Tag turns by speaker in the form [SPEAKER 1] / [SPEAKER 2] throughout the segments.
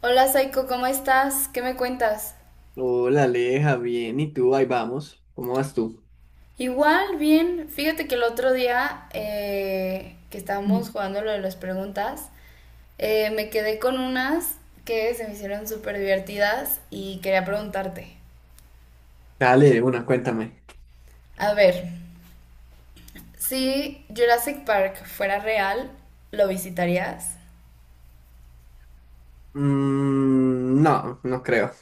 [SPEAKER 1] Hola Saiko, ¿cómo estás? ¿Qué me cuentas?
[SPEAKER 2] Hola, Aleja, bien. ¿Y tú? Ahí vamos. ¿Cómo vas tú?
[SPEAKER 1] Igual, bien. Fíjate que el otro día que estábamos
[SPEAKER 2] Mm.
[SPEAKER 1] jugando lo de las preguntas, me quedé con unas que se me hicieron súper divertidas y quería preguntarte.
[SPEAKER 2] Dale, de una, cuéntame.
[SPEAKER 1] A ver, si Jurassic Park fuera real, ¿lo visitarías?
[SPEAKER 2] Mm, no, no creo.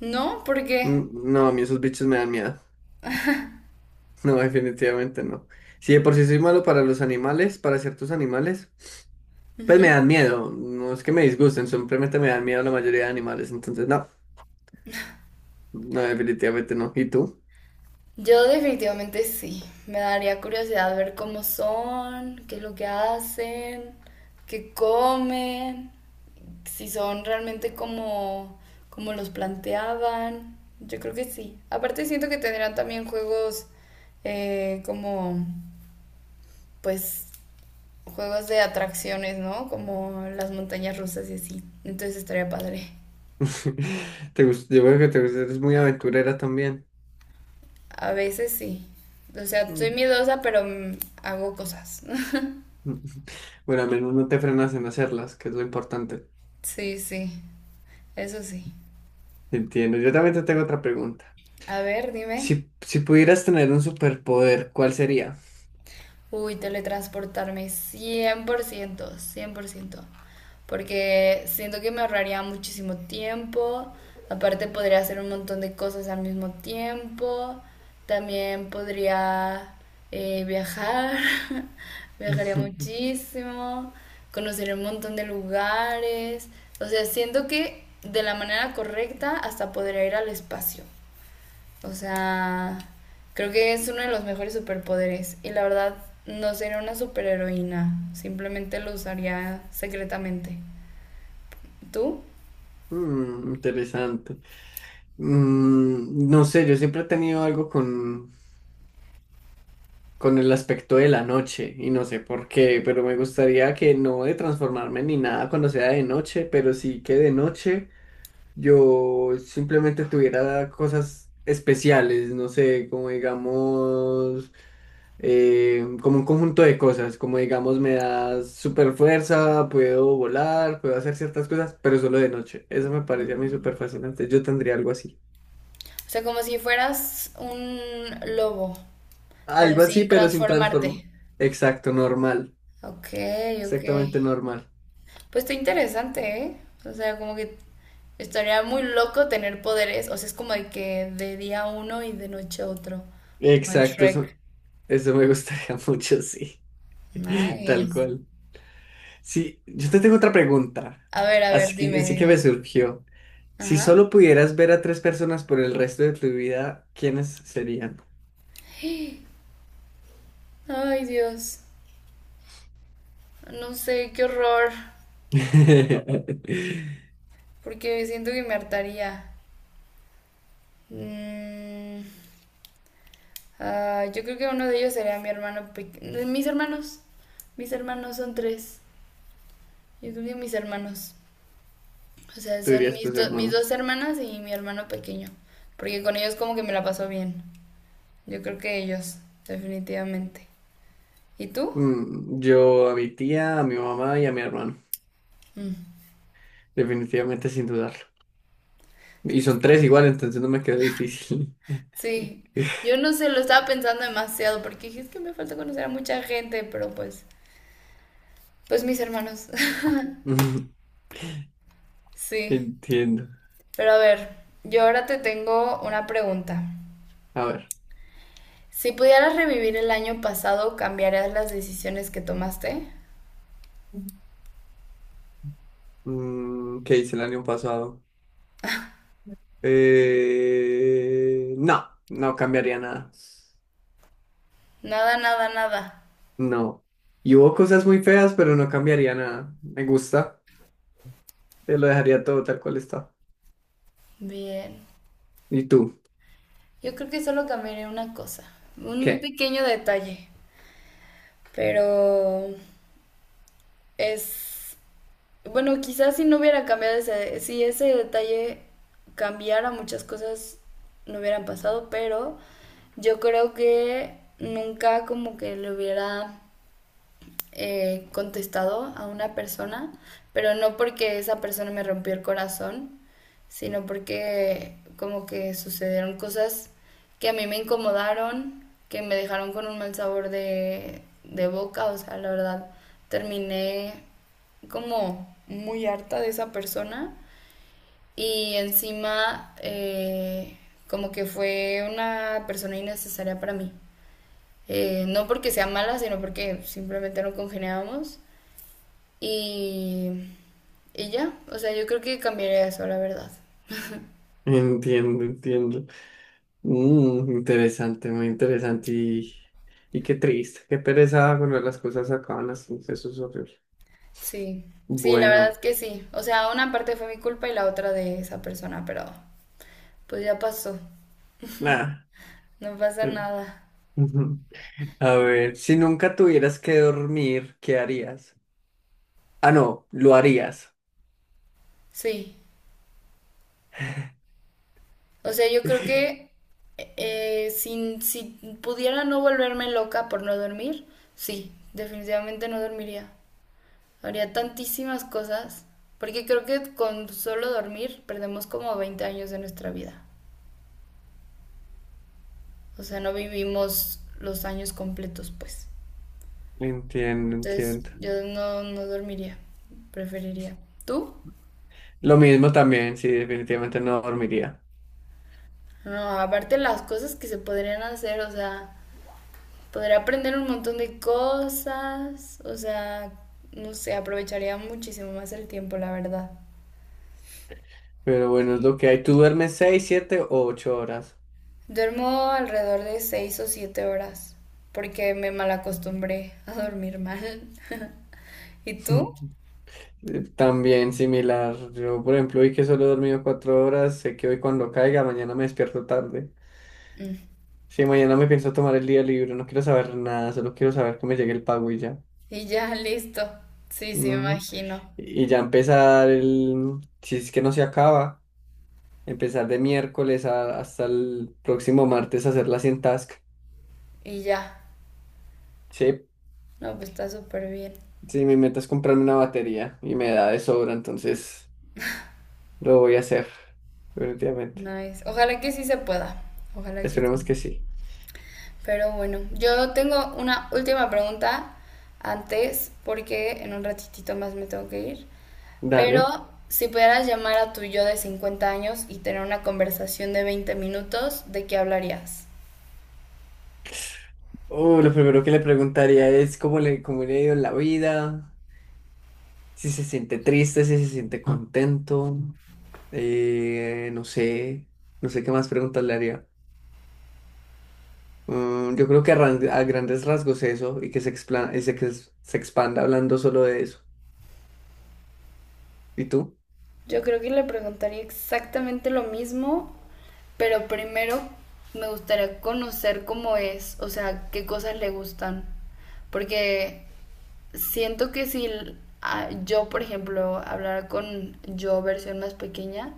[SPEAKER 1] No, porque
[SPEAKER 2] Mm, no, a mí esos bichos me dan miedo. No, definitivamente no. Si de por sí soy malo para los animales, para ciertos animales, pues me dan miedo. No es que me disgusten, simplemente me dan miedo la mayoría de animales. Entonces, no, no, definitivamente no. ¿Y tú?
[SPEAKER 1] yo definitivamente sí. Me daría curiosidad ver cómo son, qué es lo que hacen, qué comen. Si son realmente como los planteaban. Yo creo que sí. Aparte siento que tendrán también juegos como, pues, juegos de atracciones, ¿no? Como las montañas rusas y así. Entonces estaría padre.
[SPEAKER 2] Te gusta, yo veo que te gusta, eres muy aventurera también.
[SPEAKER 1] A veces sí. O sea, soy
[SPEAKER 2] Mm.
[SPEAKER 1] miedosa, pero hago cosas.
[SPEAKER 2] Mm. Bueno, al menos no te frenas en hacerlas, que es lo importante.
[SPEAKER 1] Sí, sí. Eso sí.
[SPEAKER 2] Entiendo. Yo también te tengo otra pregunta.
[SPEAKER 1] A ver, dime.
[SPEAKER 2] Si, si pudieras tener un superpoder, ¿cuál sería?
[SPEAKER 1] Uy, teletransportarme cien por ciento, 100%. Porque siento que me ahorraría muchísimo tiempo. Aparte podría hacer un montón de cosas al mismo tiempo. También podría viajar. Viajaría muchísimo. Conocer un montón de lugares. O sea, siento que de la manera correcta hasta podría ir al espacio. O sea, creo que es uno de los mejores superpoderes. Y la verdad, no sería una superheroína. Simplemente lo usaría secretamente. ¿Tú?
[SPEAKER 2] Mm, interesante. No sé, yo siempre he tenido algo con el aspecto de la noche y no sé por qué, pero me gustaría que no de transformarme ni nada cuando sea de noche, pero sí que de noche yo simplemente tuviera cosas especiales, no sé, como digamos, como un conjunto de cosas, como digamos me da super fuerza, puedo volar, puedo hacer ciertas cosas, pero solo de noche. Eso me parece a mí
[SPEAKER 1] Mm.
[SPEAKER 2] súper fascinante. Yo tendría algo así.
[SPEAKER 1] O sea, como si fueras un lobo, pero
[SPEAKER 2] Algo así,
[SPEAKER 1] sin
[SPEAKER 2] pero sin transformar.
[SPEAKER 1] transformarte.
[SPEAKER 2] Exacto, normal.
[SPEAKER 1] Ok, ok.
[SPEAKER 2] Exactamente normal.
[SPEAKER 1] Pues está interesante, ¿eh? O sea, como que estaría muy loco tener poderes. O sea, es como de que de día uno y de noche otro. Como en
[SPEAKER 2] Exacto,
[SPEAKER 1] Shrek.
[SPEAKER 2] eso me gustaría mucho, sí. Tal
[SPEAKER 1] Nice.
[SPEAKER 2] cual. Sí, yo te tengo otra pregunta.
[SPEAKER 1] A ver, dime,
[SPEAKER 2] Así que me
[SPEAKER 1] dime.
[SPEAKER 2] surgió. Si
[SPEAKER 1] Ajá.
[SPEAKER 2] solo pudieras ver a tres personas por el resto de tu vida, ¿quiénes serían?
[SPEAKER 1] Ay, Dios. No sé, qué horror.
[SPEAKER 2] Tú
[SPEAKER 1] Porque siento que me hartaría. Mm, yo creo que uno de ellos sería mi hermano pequeño. Mis hermanos. Mis hermanos son tres. Yo creo que mis hermanos. O sea, son
[SPEAKER 2] dirías
[SPEAKER 1] mis,
[SPEAKER 2] tus
[SPEAKER 1] mis dos
[SPEAKER 2] hermanos.
[SPEAKER 1] hermanas y mi hermano pequeño. Porque con ellos como que me la paso bien. Yo creo que ellos, definitivamente. ¿Y tú?
[SPEAKER 2] Mm, yo a mi tía, a mi mamá y a mi hermano.
[SPEAKER 1] Mm,
[SPEAKER 2] Definitivamente sin dudarlo.
[SPEAKER 1] es
[SPEAKER 2] Y
[SPEAKER 1] que
[SPEAKER 2] son tres
[SPEAKER 1] sí.
[SPEAKER 2] igual, entonces no me quedó difícil.
[SPEAKER 1] Sí, yo no sé, lo estaba pensando demasiado porque dije, es que me falta conocer a mucha gente, pero pues, mis hermanos.
[SPEAKER 2] Mm,
[SPEAKER 1] Sí,
[SPEAKER 2] entiendo.
[SPEAKER 1] pero a ver, yo ahora te tengo una pregunta.
[SPEAKER 2] A ver.
[SPEAKER 1] Si pudieras revivir el año pasado, ¿cambiarías las decisiones que tomaste?
[SPEAKER 2] Mm, ¿qué hice el año pasado? No, no cambiaría nada.
[SPEAKER 1] Nada, nada, nada.
[SPEAKER 2] No. Y hubo cosas muy feas, pero no cambiaría nada. Me gusta. Te lo dejaría todo tal cual está.
[SPEAKER 1] Bien.
[SPEAKER 2] ¿Y tú?
[SPEAKER 1] Yo creo que solo cambiaría una cosa, un
[SPEAKER 2] ¿Qué?
[SPEAKER 1] pequeño detalle, pero es Bueno, quizás si no hubiera cambiado ese, si ese detalle cambiara muchas cosas no hubieran pasado, pero yo creo que nunca como que le hubiera contestado a una persona, pero no porque esa persona me rompió el corazón, sino porque como que sucedieron cosas que a mí me incomodaron, que me dejaron con un mal sabor de boca, o sea, la verdad, terminé como muy harta de esa persona y encima como que fue una persona innecesaria para mí. No porque sea mala, sino porque simplemente no congeniábamos. Y, y ya, o sea, yo creo que cambiaría eso, la verdad.
[SPEAKER 2] Entiendo, entiendo. Mm, interesante, muy interesante y qué triste, qué pereza cuando las cosas acaban así, eso es horrible.
[SPEAKER 1] Sí, sí, la verdad
[SPEAKER 2] Bueno,
[SPEAKER 1] que sí. O sea, una parte fue mi culpa y la otra de esa persona, pero pues ya pasó,
[SPEAKER 2] nada.
[SPEAKER 1] no pasa
[SPEAKER 2] eh,
[SPEAKER 1] nada.
[SPEAKER 2] Ujú. A ver, si nunca tuvieras que dormir, ¿qué harías? Ah, no, lo harías.
[SPEAKER 1] Sí, o sea, yo creo que si pudiera no volverme loca por no dormir, sí, definitivamente no dormiría. Haría tantísimas cosas, porque creo que con solo dormir perdemos como 20 años de nuestra vida. O sea, no vivimos los años completos, pues.
[SPEAKER 2] Entiendo,
[SPEAKER 1] Entonces,
[SPEAKER 2] entiendo.
[SPEAKER 1] yo no dormiría, preferiría. ¿Tú?
[SPEAKER 2] Lo mismo también, sí, definitivamente no dormiría.
[SPEAKER 1] No, aparte las cosas que se podrían hacer, o sea, podría aprender un montón de cosas, o sea, no sé, aprovecharía muchísimo más el tiempo, la verdad.
[SPEAKER 2] Pero bueno, es lo que hay. ¿Tú duermes seis, siete o ocho horas?
[SPEAKER 1] Duermo alrededor de 6 o 7 horas, porque me malacostumbré a dormir mal. ¿Y tú?
[SPEAKER 2] También similar. Yo, por ejemplo, hoy que solo he dormido cuatro horas, sé que hoy cuando caiga, mañana me despierto tarde.
[SPEAKER 1] Mm.
[SPEAKER 2] Si mañana me pienso tomar el día libre, no quiero saber nada, solo quiero saber que me llegue el pago y ya.
[SPEAKER 1] Y ya, listo. Sí, sí,
[SPEAKER 2] Ujú.
[SPEAKER 1] imagino.
[SPEAKER 2] Y ya empezar el, si es que no se acaba, empezar de miércoles hasta el próximo martes a hacer la 100 task.
[SPEAKER 1] Y ya.
[SPEAKER 2] Sí,
[SPEAKER 1] No, pues está súper bien.
[SPEAKER 2] sí, mi meta es comprarme una batería y me da de sobra, entonces lo voy a hacer, definitivamente.
[SPEAKER 1] Nice. Ojalá que sí se pueda. Ojalá que sí.
[SPEAKER 2] Esperemos que sí.
[SPEAKER 1] Pero bueno, yo tengo una última pregunta antes, porque en un ratitito más me tengo que ir.
[SPEAKER 2] Dale.
[SPEAKER 1] Pero si pudieras llamar a tu yo de 50 años y tener una conversación de 20 minutos, ¿de qué hablarías?
[SPEAKER 2] Lo primero que le preguntaría es cómo le ha ido en la vida, si se siente triste, si se siente contento, no sé, no sé qué más preguntas le haría. Mm, yo creo que a, a grandes rasgos eso y que se, ese que se expanda hablando solo de eso. ¿Y tú?
[SPEAKER 1] Yo creo que le preguntaría exactamente lo mismo, pero primero me gustaría conocer cómo es, o sea, qué cosas le gustan. Porque siento que si yo, por ejemplo, hablara con yo versión más pequeña,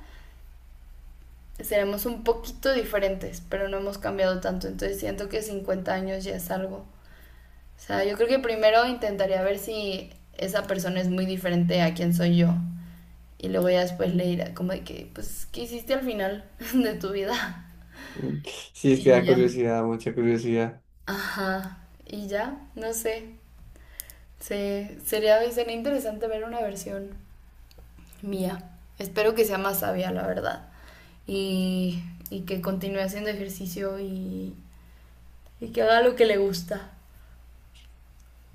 [SPEAKER 1] seremos un poquito diferentes, pero no hemos cambiado tanto. Entonces siento que 50 años ya es algo. O sea, yo creo que primero intentaría ver si esa persona es muy diferente a quien soy yo. Y luego ya después le dirá como de que, pues, ¿qué hiciste al final de tu vida?
[SPEAKER 2] Mm, sí, es que
[SPEAKER 1] Y
[SPEAKER 2] da
[SPEAKER 1] ya.
[SPEAKER 2] curiosidad, mucha curiosidad.
[SPEAKER 1] Ajá. Y ya, no sé. Sería interesante ver una versión mía. Espero que sea más sabia, la verdad. Y, y que continúe haciendo ejercicio y que haga lo que le gusta.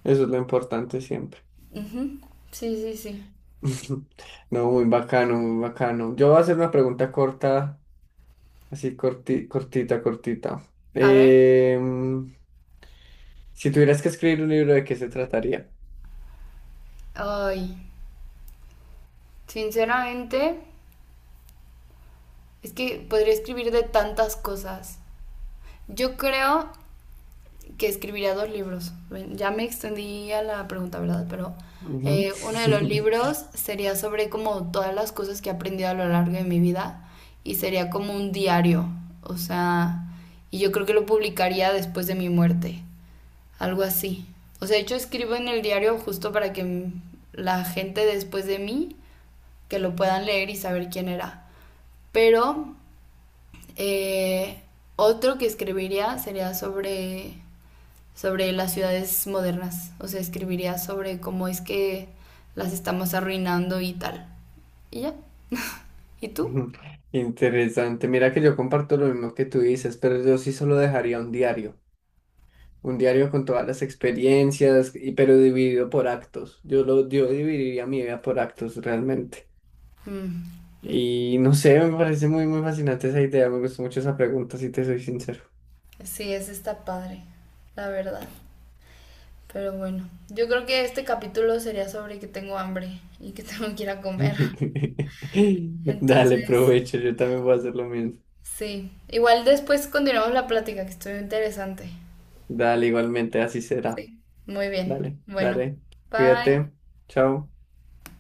[SPEAKER 2] Eso es lo importante siempre.
[SPEAKER 1] Ujú. Sí, sí, sí.
[SPEAKER 2] No, muy bacano, muy bacano. Yo voy a hacer una pregunta corta, así cortita, cortita.
[SPEAKER 1] A ver.
[SPEAKER 2] Em, Si tuvieras que escribir un libro, ¿de qué se trataría?
[SPEAKER 1] Ay, sinceramente, es que podría escribir de tantas cosas. Yo creo que escribiría dos libros. Ya me extendí a la pregunta, ¿verdad? Pero
[SPEAKER 2] Ujú.
[SPEAKER 1] uno de los libros sería sobre como todas las cosas que he aprendido a lo largo de mi vida y sería como un diario, o sea, y yo creo que lo publicaría después de mi muerte, algo así. O sea, de hecho escribo en el diario justo para que la gente después de mí que lo puedan leer y saber quién era. Pero eh, otro que escribiría sería sobre las ciudades modernas. O sea, escribiría sobre cómo es que las estamos arruinando y tal. Y ya. ¿Y tú?
[SPEAKER 2] Interesante. Mira que yo comparto lo mismo que tú dices, pero yo sí solo dejaría un diario. Un diario con todas las experiencias, y, pero dividido por actos. Yo lo, yo dividiría mi vida por actos realmente.
[SPEAKER 1] Mm,
[SPEAKER 2] Y no sé, me parece muy, muy fascinante esa idea. Me gustó mucho esa pregunta, si te soy sincero.
[SPEAKER 1] sí, ese está padre, la verdad. Pero bueno, yo creo que este capítulo sería sobre que tengo hambre y que tengo que ir a comer.
[SPEAKER 2] Dale,
[SPEAKER 1] Entonces,
[SPEAKER 2] provecho. Yo también voy a hacer lo mismo.
[SPEAKER 1] sí. Igual después continuamos la plática, que estuvo interesante.
[SPEAKER 2] Dale, igualmente, así será.
[SPEAKER 1] Sí. Muy bien.
[SPEAKER 2] Dale,
[SPEAKER 1] Bueno,
[SPEAKER 2] dale.
[SPEAKER 1] bye.
[SPEAKER 2] Cuídate. Chao.